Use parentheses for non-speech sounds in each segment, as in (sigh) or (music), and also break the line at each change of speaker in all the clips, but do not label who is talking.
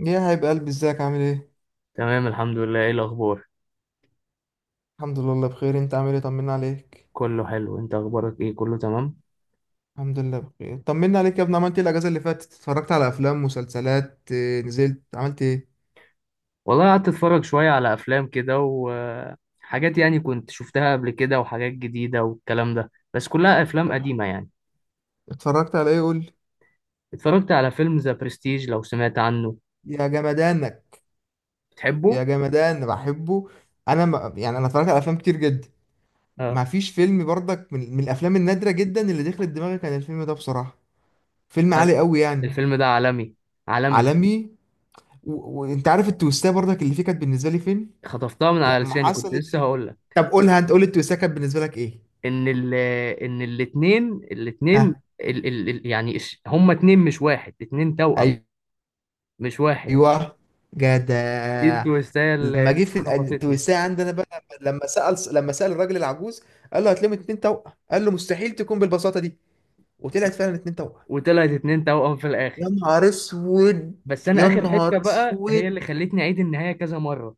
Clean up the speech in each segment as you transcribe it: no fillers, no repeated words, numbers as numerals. يا حبيب قلبي ازيك عامل ايه؟
تمام الحمد لله. ايه الاخبار؟
الحمد لله بخير، انت عامل ايه؟ طمنا عليك.
كله حلو. انت اخبارك ايه؟ كله تمام.
الحمد لله بخير، طمنا عليك يا ابني. عملت ايه الاجازه اللي فاتت؟ اتفرجت على افلام مسلسلات، نزلت عملت ايه؟
والله قعدت اتفرج شوية على افلام كده وحاجات، يعني كنت شفتها قبل كده وحاجات جديدة والكلام ده. بس كلها افلام قديمة يعني.
اتفرجت على ايه قول لي.
اتفرجت على فيلم ذا برستيج، لو سمعت عنه.
يا جمدانك. يا
بتحبه.
جمدان بحبه. انا ما يعني انا اتفرجت على افلام كتير جدا.
اه.
ما فيش فيلم برضك من الافلام النادره جدا اللي دخلت دماغي كان الفيلم ده بصراحه. فيلم
أنا-
عالي قوي يعني.
الفيلم ده عالمي، عالمي.
عالمي. و- وانت عارف التويستات برضك اللي فيه كانت بالنسبه لي فين
خطفتها من على
لما
لساني، كنت
حصلت.
لسه هقول لك.
طب قولها انت، قول التويستات كانت بالنسبه لك ايه.
ان ال ان الاتنين
ها.
ال ال ال يعني هما اتنين مش واحد، اتنين توأم، مش واحد.
ايوه.
دي
جدع.
التويستاية
لما
اللي
جه في
خبطتني.
التوسعه عندنا بقى، لما سأل، لما سأل الراجل العجوز قال له هتلم اتنين توأم، قال له مستحيل تكون بالبساطه دي. وطلعت فعلا اتنين توأم.
وطلعت اتنين توأم في
يا
الآخر.
نهار اسود.
بس أنا
يا
آخر
نهار
حتة بقى هي
اسود.
اللي خلتني أعيد النهاية كذا مرة.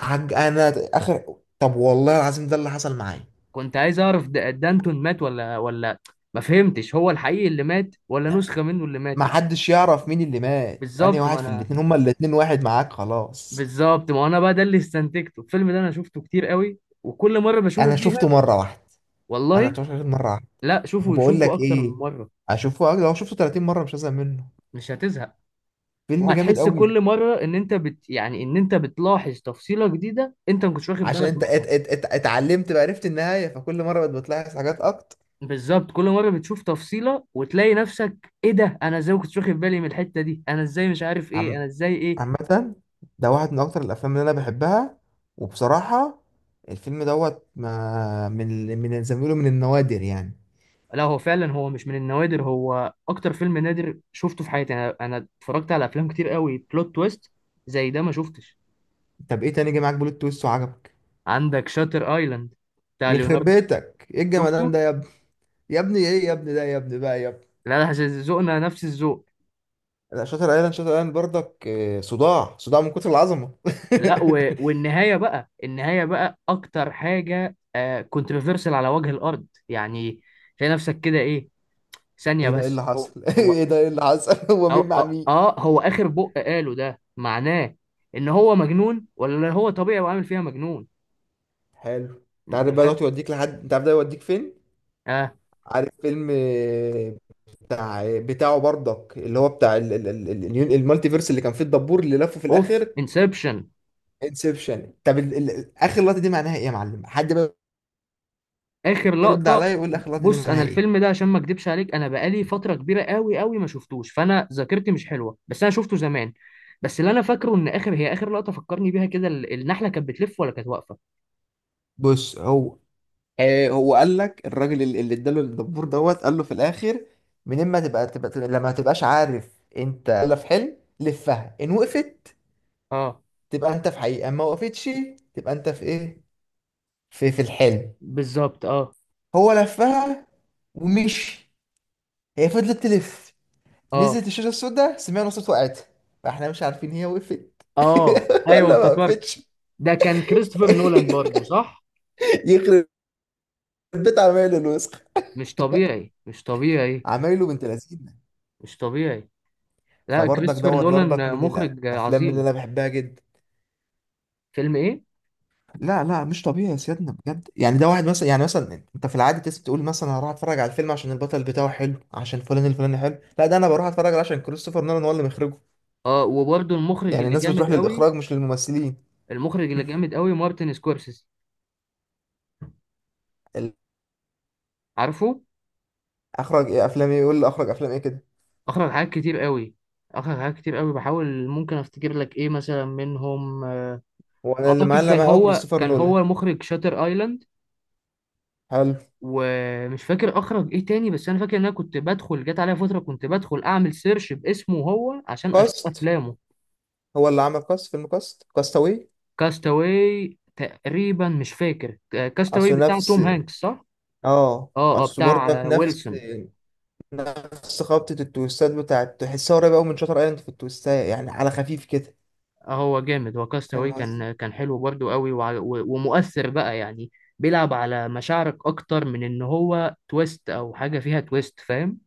انا اخر، طب والله العظيم ده اللي حصل معايا.
كنت عايز أعرف دانتون مات ولا ولا، ما فهمتش هو الحقيقي اللي مات ولا نسخة منه اللي
ما
ماتت.
حدش يعرف مين اللي مات، انا
بالظبط.
واحد
ما
في
أنا
الاتنين، هما الاتنين واحد، معاك خلاص.
بالظبط ما أنا بقى ده اللي استنتجته. الفيلم ده أنا شفته كتير قوي، وكل مرة
انا
بشوفه فيها.
شفته مره واحده. انا
والله.
شفته مره واحده.
لا، شوفوا،
وبقول
شوفوا
لك
أكتر من
ايه،
مرة.
اشوفه لو شفته 30 مره مش هزهق منه.
مش هتزهق.
فيلم جامد
وهتحس
قوي.
كل مرة إن أنت بت يعني إن أنت بتلاحظ تفصيلة جديدة أنت ما كنتش واخد
عشان
بالك
انت ات
منها.
ات ات اتعلمت بقى، عرفت النهايه، فكل مره بقت بتلاحظ حاجات اكتر.
بالظبط، كل مره بتشوف تفصيله وتلاقي نفسك ايه ده، انا ازاي ما كنتش واخد بالي من الحته دي، انا ازاي مش عارف ايه،
عم
انا ازاي ايه.
عامه، ده واحد من اكتر الافلام اللي انا بحبها. وبصراحه، الفيلم دوت ما من من زي ما بيقولوا من النوادر يعني.
لا هو فعلا هو مش من النوادر، هو اكتر فيلم نادر شفته في حياتي. انا اتفرجت على افلام كتير قوي بلوت تويست، زي ده ما شفتش.
طب ايه تاني جه معاك بلوت تويست وعجبك؟
عندك شاتر ايلاند، بتاع
يخرب
ليوناردو.
بيتك ايه الجمدان ده
شفته.
يا ابني. يا ابني ايه، يا ابني ده، يا ابني بقى يا ابني.
لا لا، ذوقنا نفس الذوق.
لا شاطر ايلاند، شاطر ايلاند برضك صداع، صداع من كتر العظمه.
لا و... والنهايه بقى، النهايه بقى اكتر حاجه آه كونتروفيرسال على وجه الارض يعني. تلاقي نفسك كده ايه،
(laughs)
ثانيه
ايه ده، ايه اللي
بس، هو
حصل؟ (laughs) ايه
هو
ده، ايه اللي حصل؟ (laughs) هو
أو
مين مع
آه,
مين؟
آه هو آخر قاله ده معناه إن هو مجنون ولا هو طبيعي وعامل فيها مجنون.
حلو.
أنت
تعرف بقى دلوقتي
فاهم؟
يوديك لحد، انت عارف ده يوديك فين؟
آه.
عارف فيلم بتاع، بتاعه برضك اللي هو بتاع المالتي فيرس اللي كان فيه الدبور اللي لفه في
أوف،
الاخر؟
انسبشن.
انسبشن. طب اخر لقطه دي معناها ايه يا معلم؟ حد بقى
آخر
يرد عليا
لقطة.
يقول لي اخر لقطه دي
بص أنا
معناها ايه.
الفيلم ده، عشان ما أكدبش عليك، أنا بقالي فترة كبيرة قوي قوي ما شفتوش، فأنا ذاكرتي مش حلوة. بس أنا شفته زمان. بس اللي أنا فاكره إن آخر، هي آخر لقطة فكرني بيها كده، النحلة كانت بتلف ولا كانت واقفة؟
بص هو، آه هو قال لك الراجل اللي اداله الدبور دوت قال له في الاخر من اما لما تبقاش عارف انت ولا في حلم لفها ان وقفت،
آه.
تبقى انت في حقيقه ما وقفتش، تبقى انت في ايه؟ في في الحلم.
بالظبط، آه.
هو لفها ومشي، هي فضلت تلف،
آه.
نزلت الشاشة السوداء، سمعنا صوت وقعت، فاحنا مش عارفين هي وقفت
آه،
(laughs)
أيوه
ولا ما
افتكرت.
وقفتش. (laughs)
ده كان كريستوفر نولان برضو، صح؟
يخرب بيت عمايله الوسخ.
مش طبيعي، مش طبيعي.
عمايله بنت لذينه.
مش طبيعي. لا
فبرضك
كريستوفر
دوت برضك
نولان
من
مخرج
الافلام اللي
عظيم.
انا بحبها جدا.
فيلم ايه؟
لا مش طبيعي يا سيادنا بجد يعني. ده واحد مثلا، يعني مثلا انت في العادي تقول مثلا أنا هروح اتفرج على الفيلم عشان البطل بتاعه حلو، عشان فلان الفلاني حلو. لا ده انا بروح اتفرج عليه عشان كريستوفر نولان هو اللي مخرجه.
اه، وبرده المخرج
يعني
اللي
الناس
جامد
بتروح
قوي.
للاخراج مش للممثلين.
المخرج اللي جامد قوي مارتن سكورسيزي.
(laughs)
عارفه.
اخرج ايه؟ افلام ايه؟ يقول لي اخرج افلام ايه كده.
اخرج حاجات كتير قوي، اخرج حاجات كتير قوي، بحاول ممكن افتكر لك ايه مثلا منهم.
هو انا اللي
اعتقد
معلم
كان
معاه قوي
هو،
كريستوفر
كان
نولان.
هو مخرج شاتر ايلاند.
حلو.
ومش فاكر اخرج ايه تاني، بس انا فاكر ان انا كنت بدخل، جت عليا فتره كنت بدخل اعمل سيرش باسمه هو عشان اشوف
كاست.
افلامه.
هو اللي عمل كاست، فيلم كاست، كاستاوي.
كاستاوي تقريبا، مش فاكر. كاستاوي
اصل
بتاع
نفس،
توم هانكس، صح.
اه
اه اه،
اصل برضك
بتاع
نفس.
ويلسون.
نفس خبطة التويستات بتاعت تحسها قريبة قوي من شاتر ايلاند في التويستات يعني على خفيف كده.
هو جامد، هو كاستاوي
فاهم قصدي.
كان، كان حلو برضو قوي ومؤثر بقى يعني. بيلعب على مشاعرك اكتر من ان هو تويست او حاجه فيها تويست، فاهم.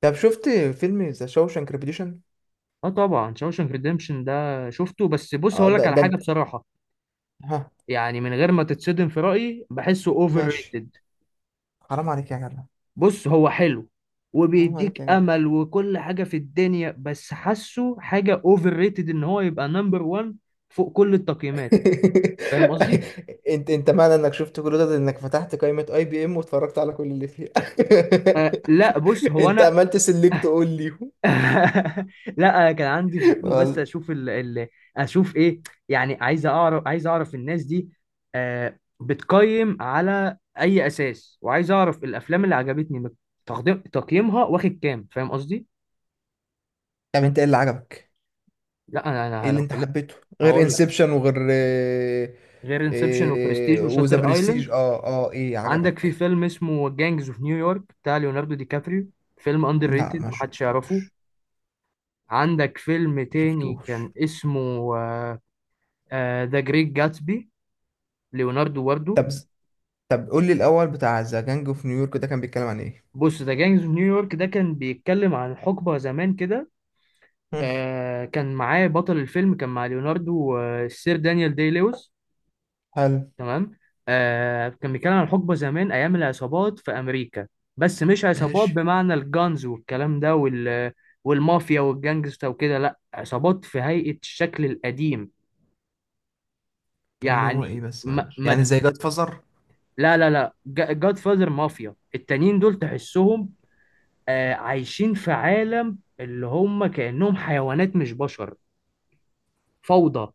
طب شفت فيلم ذا شوشانك ريبيتيشن؟
اه طبعا، شاوشانك ريديمشن ده شفته. بس بص
اه
هقول لك
ده،
على
ده
حاجه
انت.
بصراحه،
ها.
يعني من غير ما تتصدم، في رايي بحسه اوفر
ماشي.
ريتد.
حرام عليك يا جدع.
بص هو حلو،
حرام عليك
وبيديك
يا جدع.
امل وكل حاجه في الدنيا، بس حاسه حاجه اوفر ريتد ان هو يبقى نمبر 1 فوق كل التقييمات. فاهم قصدي؟
(laughs) انت معنى انك شفت كل ده انك فتحت قائمة اي بي ام واتفرجت على كل اللي فيها.
آه لا بص
(laughs)
هو
انت
انا.
عملت سيلكت اول ليهم.
(laughs) لا أنا كان عندي فضول بس
وال-
اشوف اشوف ايه، يعني عايز اعرف، عايز اعرف الناس دي بتقيم على اي اساس، وعايز اعرف الافلام اللي عجبتني تقديم تقييمها واخد كام، فاهم قصدي.
طب انت ايه اللي عجبك؟
لا انا
ايه
انا
اللي
لو
انت
كل...
حبيته؟ غير
هقول لك.
انسبشن وغير
غير انسبشن وبرستيج
وذا
وشاتر ايلاند.
برستيج. اه اه، ايه
عندك في
عجبك؟
فيلم اسمه جانجز اوف نيويورك، بتاع ليوناردو دي كابريو، فيلم اندر
لا
ريتد،
ما
محدش يعرفه.
شفتوش.
عندك فيلم
ما
تاني
شفتوش.
كان اسمه ذا جريت جاتسبي، ليوناردو واردو.
طب طب قول لي الاول، بتاع ذا جانج اوف نيويورك ده كان بيتكلم عن ايه؟
بص ذا جانجز اوف نيويورك ده كان بيتكلم عن حقبة زمان كده.
مم،
آه كان معاه بطل الفيلم، كان مع ليوناردو، آه السير دانيال دي لويس.
حلو.
تمام. آه كان بيتكلم عن حقبة زمان أيام العصابات في أمريكا. بس مش عصابات
ماشي.
بمعنى الجانز والكلام ده وال، والمافيا والجانجستا وكده، لا عصابات في هيئة الشكل القديم.
اللي
يعني
هو ايه بس
ما
معلش، يعني
ما.
زي جاد فازر؟
لا لا لا، جاد فاذر مافيا، التانيين دول تحسهم عايشين في عالم اللي هم كأنهم حيوانات مش بشر. فوضى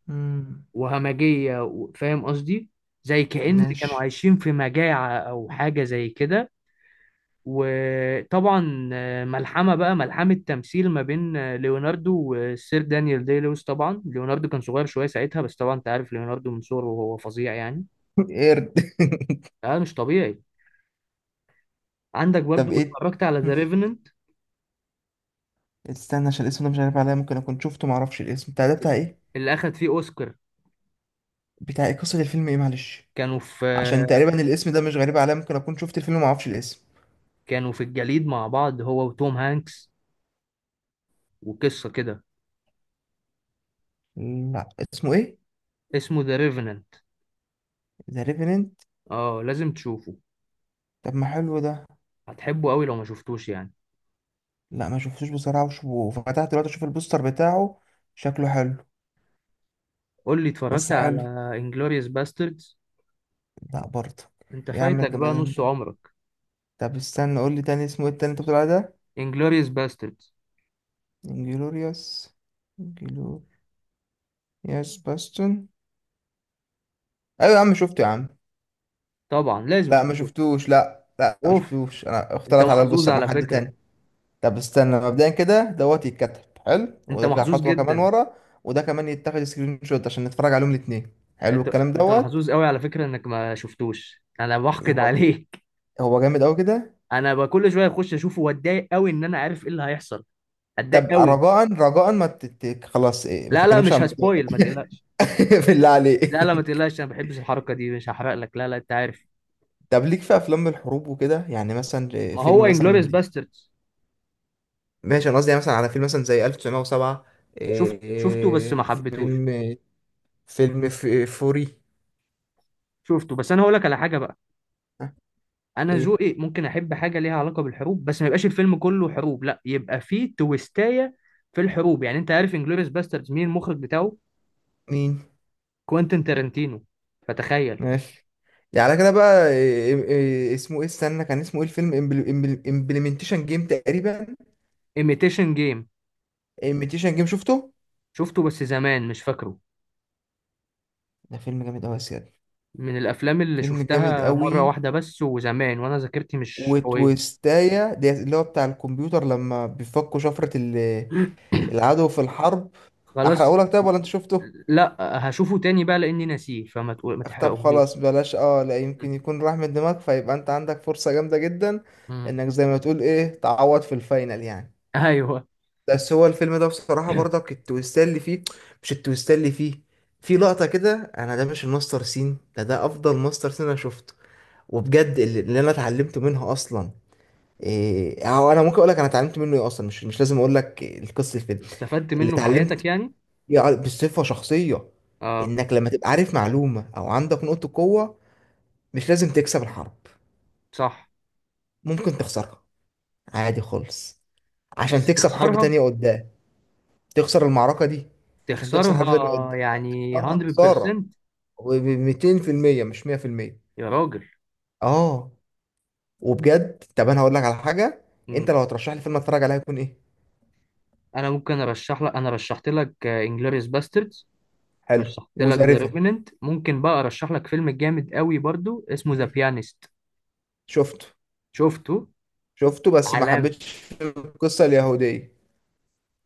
وهمجية، فاهم قصدي. زي كأن كانوا
ماشي.
عايشين في مجاعة أو حاجة زي كده. وطبعا ملحمة بقى، ملحمة تمثيل ما بين ليوناردو والسير دانيال دي لويس. طبعا ليوناردو كان صغير شوية ساعتها، بس طبعا أنت عارف ليوناردو من صغره وهو فظيع يعني.
قرد.
اه، مش طبيعي. عندك
(laughs) طب
برضو،
ايه؟
اتفرجت على ذا
مم.
ريفننت
استنى عشان الاسم ده مش عارف عليا، ممكن اكون شفته معرفش الاسم. بتاع ده بتاع ايه؟
اللي أخد فيه أوسكار.
بتاع ايه قصة الفيلم ايه معلش؟
كانوا في
عشان تقريبا الاسم ده مش غريب عليا، ممكن اكون شفت الفيلم ومعرفش الاسم.
كانوا في الجليد مع بعض هو وتوم هانكس، وقصة كده.
لا اسمه ايه؟
اسمه ذا ريفننت.
ذا ريفيننت.
اه، لازم تشوفه،
طب ما حلو ده.
هتحبه قوي لو ما شفتوش يعني.
لا ما شفتوش بصراحة، وفتحت دلوقتي اشوف البوستر بتاعه. شكله حلو.
قول لي، اتفرجت
بس
على
حلو.
انجلوريوس باستردز؟
لا برضه.
انت
إيه يا عم
فايتك بقى
الجمدان
نص
ده.
عمرك.
طب استنى قول لي تاني اسمه ايه التاني انت بتقول عليه ده؟
انجلوريوس باستردز،
انجلوريوس. انجلوريوس. باستون. ايوه يا عم شفته يا عم.
طبعا لازم
لا ما
تكون شفته.
شفتوش، لا لا ما
اوف.
شفتوش، انا
انت
اختلط على
محظوظ
البوستر مع
على
حد
فكرة،
تاني. طب استنى مبدئيا كده دوت يتكتب حلو،
انت
ونرجع
محظوظ
خطوه كمان
جدا.
ورا. وده كمان يتاخد سكرين شوت عشان نتفرج عليهم الاثنين. حلو
انت
الكلام
انت
دوت.
محظوظ قوي على فكرة انك ما شفتوش، انا بحقد
هو
عليك.
هو جامد قوي كده.
انا بقى كل شوية اخش اشوفه واتضايق قوي ان انا عارف ايه اللي هيحصل،
طب
اتضايق قوي.
رجاء رجاء ما تت... خلاص ما
لا لا،
تتكلمش
مش
عن الموضوع ده.
هسبويل، ما تقلقش.
(laughs) بالله
لا لا ما
عليك.
تقلقش، انا ما بحبش الحركه دي، مش هحرق لك، لا لا، انت عارف.
طب ليك في افلام الحروب وكده يعني مثلا
ما هو
فيلم
انجلوريوس
مثلا؟
باستردز.
ماشي انا قصدي يعني مثلا على فيلم مثلا زي 1907. إيه،
شفته بس ما
إيه،
حبيتهوش.
فيلم، فيلم ف- فوري.
شفته بس انا هقول لك على حاجه بقى، انا
ايه؟
ذوقي ممكن احب حاجه ليها علاقه بالحروب، بس ما يبقاش الفيلم كله حروب، لا يبقى فيه تويستايه في الحروب. يعني انت عارف انجلوريوس باستردز مين المخرج بتاعه؟
مين؟
كوينتين تارانتينو، فتخيل.
ماشي. يعني على كده بقى. إيه إيه إيه، اسمه ايه استنى، كان اسمه ايه الفيلم؟ امبلمنتيشن جيم تقريبا.
ايميتيشن جيم،
امبلمنتيشن جيم شفته.
شفته بس زمان مش فاكره،
ده فيلم جامد قوي يا سيادة.
من الافلام اللي
فيلم جامد
شفتها مره
قوي.
واحده بس وزمان، وانا ذاكرتي مش قويه.
وتويستايا دي اللي هو بتاع الكمبيوتر لما بيفكوا شفرة
(laughs)
العدو في الحرب.
خلاص.
احرقهولك طيب ولا انت شفته؟
لا هشوفه تاني بقى لاني ناسيه، فما تقول ما
طب خلاص
تحرقهوليش.
بلاش، اه لا يمكن يكون راح من دماغك فيبقى انت عندك فرصة جامدة جدا
مم.
انك زي ما تقول ايه، تعوض في الفاينل يعني.
ايوه.
بس هو الفيلم ده بصراحة برضك التويستات اللي فيه، مش التويستات اللي فيه، في لقطة كده أنا، ده مش الماستر سين، ده ده أفضل ماستر سين أنا شفته. وبجد اللي أنا اتعلمت منها أصلا إيه، أو أنا ممكن أقول لك أنا اتعلمت منه إيه أصلا، مش لازم أقول لك القصة الفيلم.
استفدت
اللي
منه في حياتك
اتعلمت
يعني.
بصفة شخصية،
اه.
إنك لما تبقى عارف معلومة أو عندك نقطة قوة مش لازم تكسب الحرب،
صح.
ممكن تخسرها عادي خالص عشان
بس
تكسب حرب
تخسرها،
تانية قدام. تخسر المعركه دي عشان تخسر حلفة اللي قد
تخسرها يعني
تخسرها خساره،
100%.
و 200% مش 100%.
يا راجل.
اه. وبجد، طب انا هقول لك على حاجه،
مم.
انت لو هترشح لي فيلم اتفرج عليه هيكون ايه؟
انا ممكن ارشح لك، انا رشحت لك انجلوريوس باستردز،
حلو
رشحت لك
وذا
ذا
ريفن.
ريفننت. ممكن بقى ارشح لك فيلم جامد قوي برضو اسمه ذا
(laughs)
بيانست.
شفته.
شفته.
شفته بس ما
علام.
حبيتش القصه اليهوديه.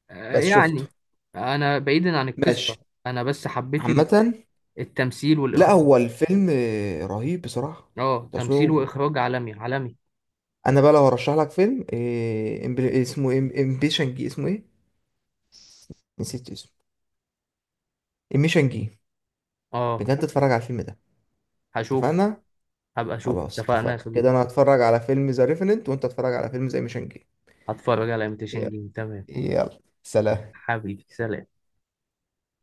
بس شفته.
يعني انا بعيدا عن القصة،
ماشي.
انا بس حبيت
عامه،
التمثيل
لا
والاخراج.
هو الفيلم رهيب بصراحه.
اه تمثيل
تصويره.
واخراج عالمي، عالمي.
انا بقى لو هرشح لك فيلم إيه، امبيشن جي، اسمه ايه؟ نسيت اسمه. امبيشن جي.
اه
بجد اتفرج على الفيلم ده.
هشوف.
اتفقنا.
هبقى اشوف،
خلاص
اتفقنا يا
اتفقنا
صديقي.
كده، انا هتفرج على فيلم ذا ريفننت وانت هتتفرج على فيلم زي ميشن جيم.
هتفرج على ايميتيشن
يلا.
جيم، تمام.
يلا، سلام.
حبيبي سلام.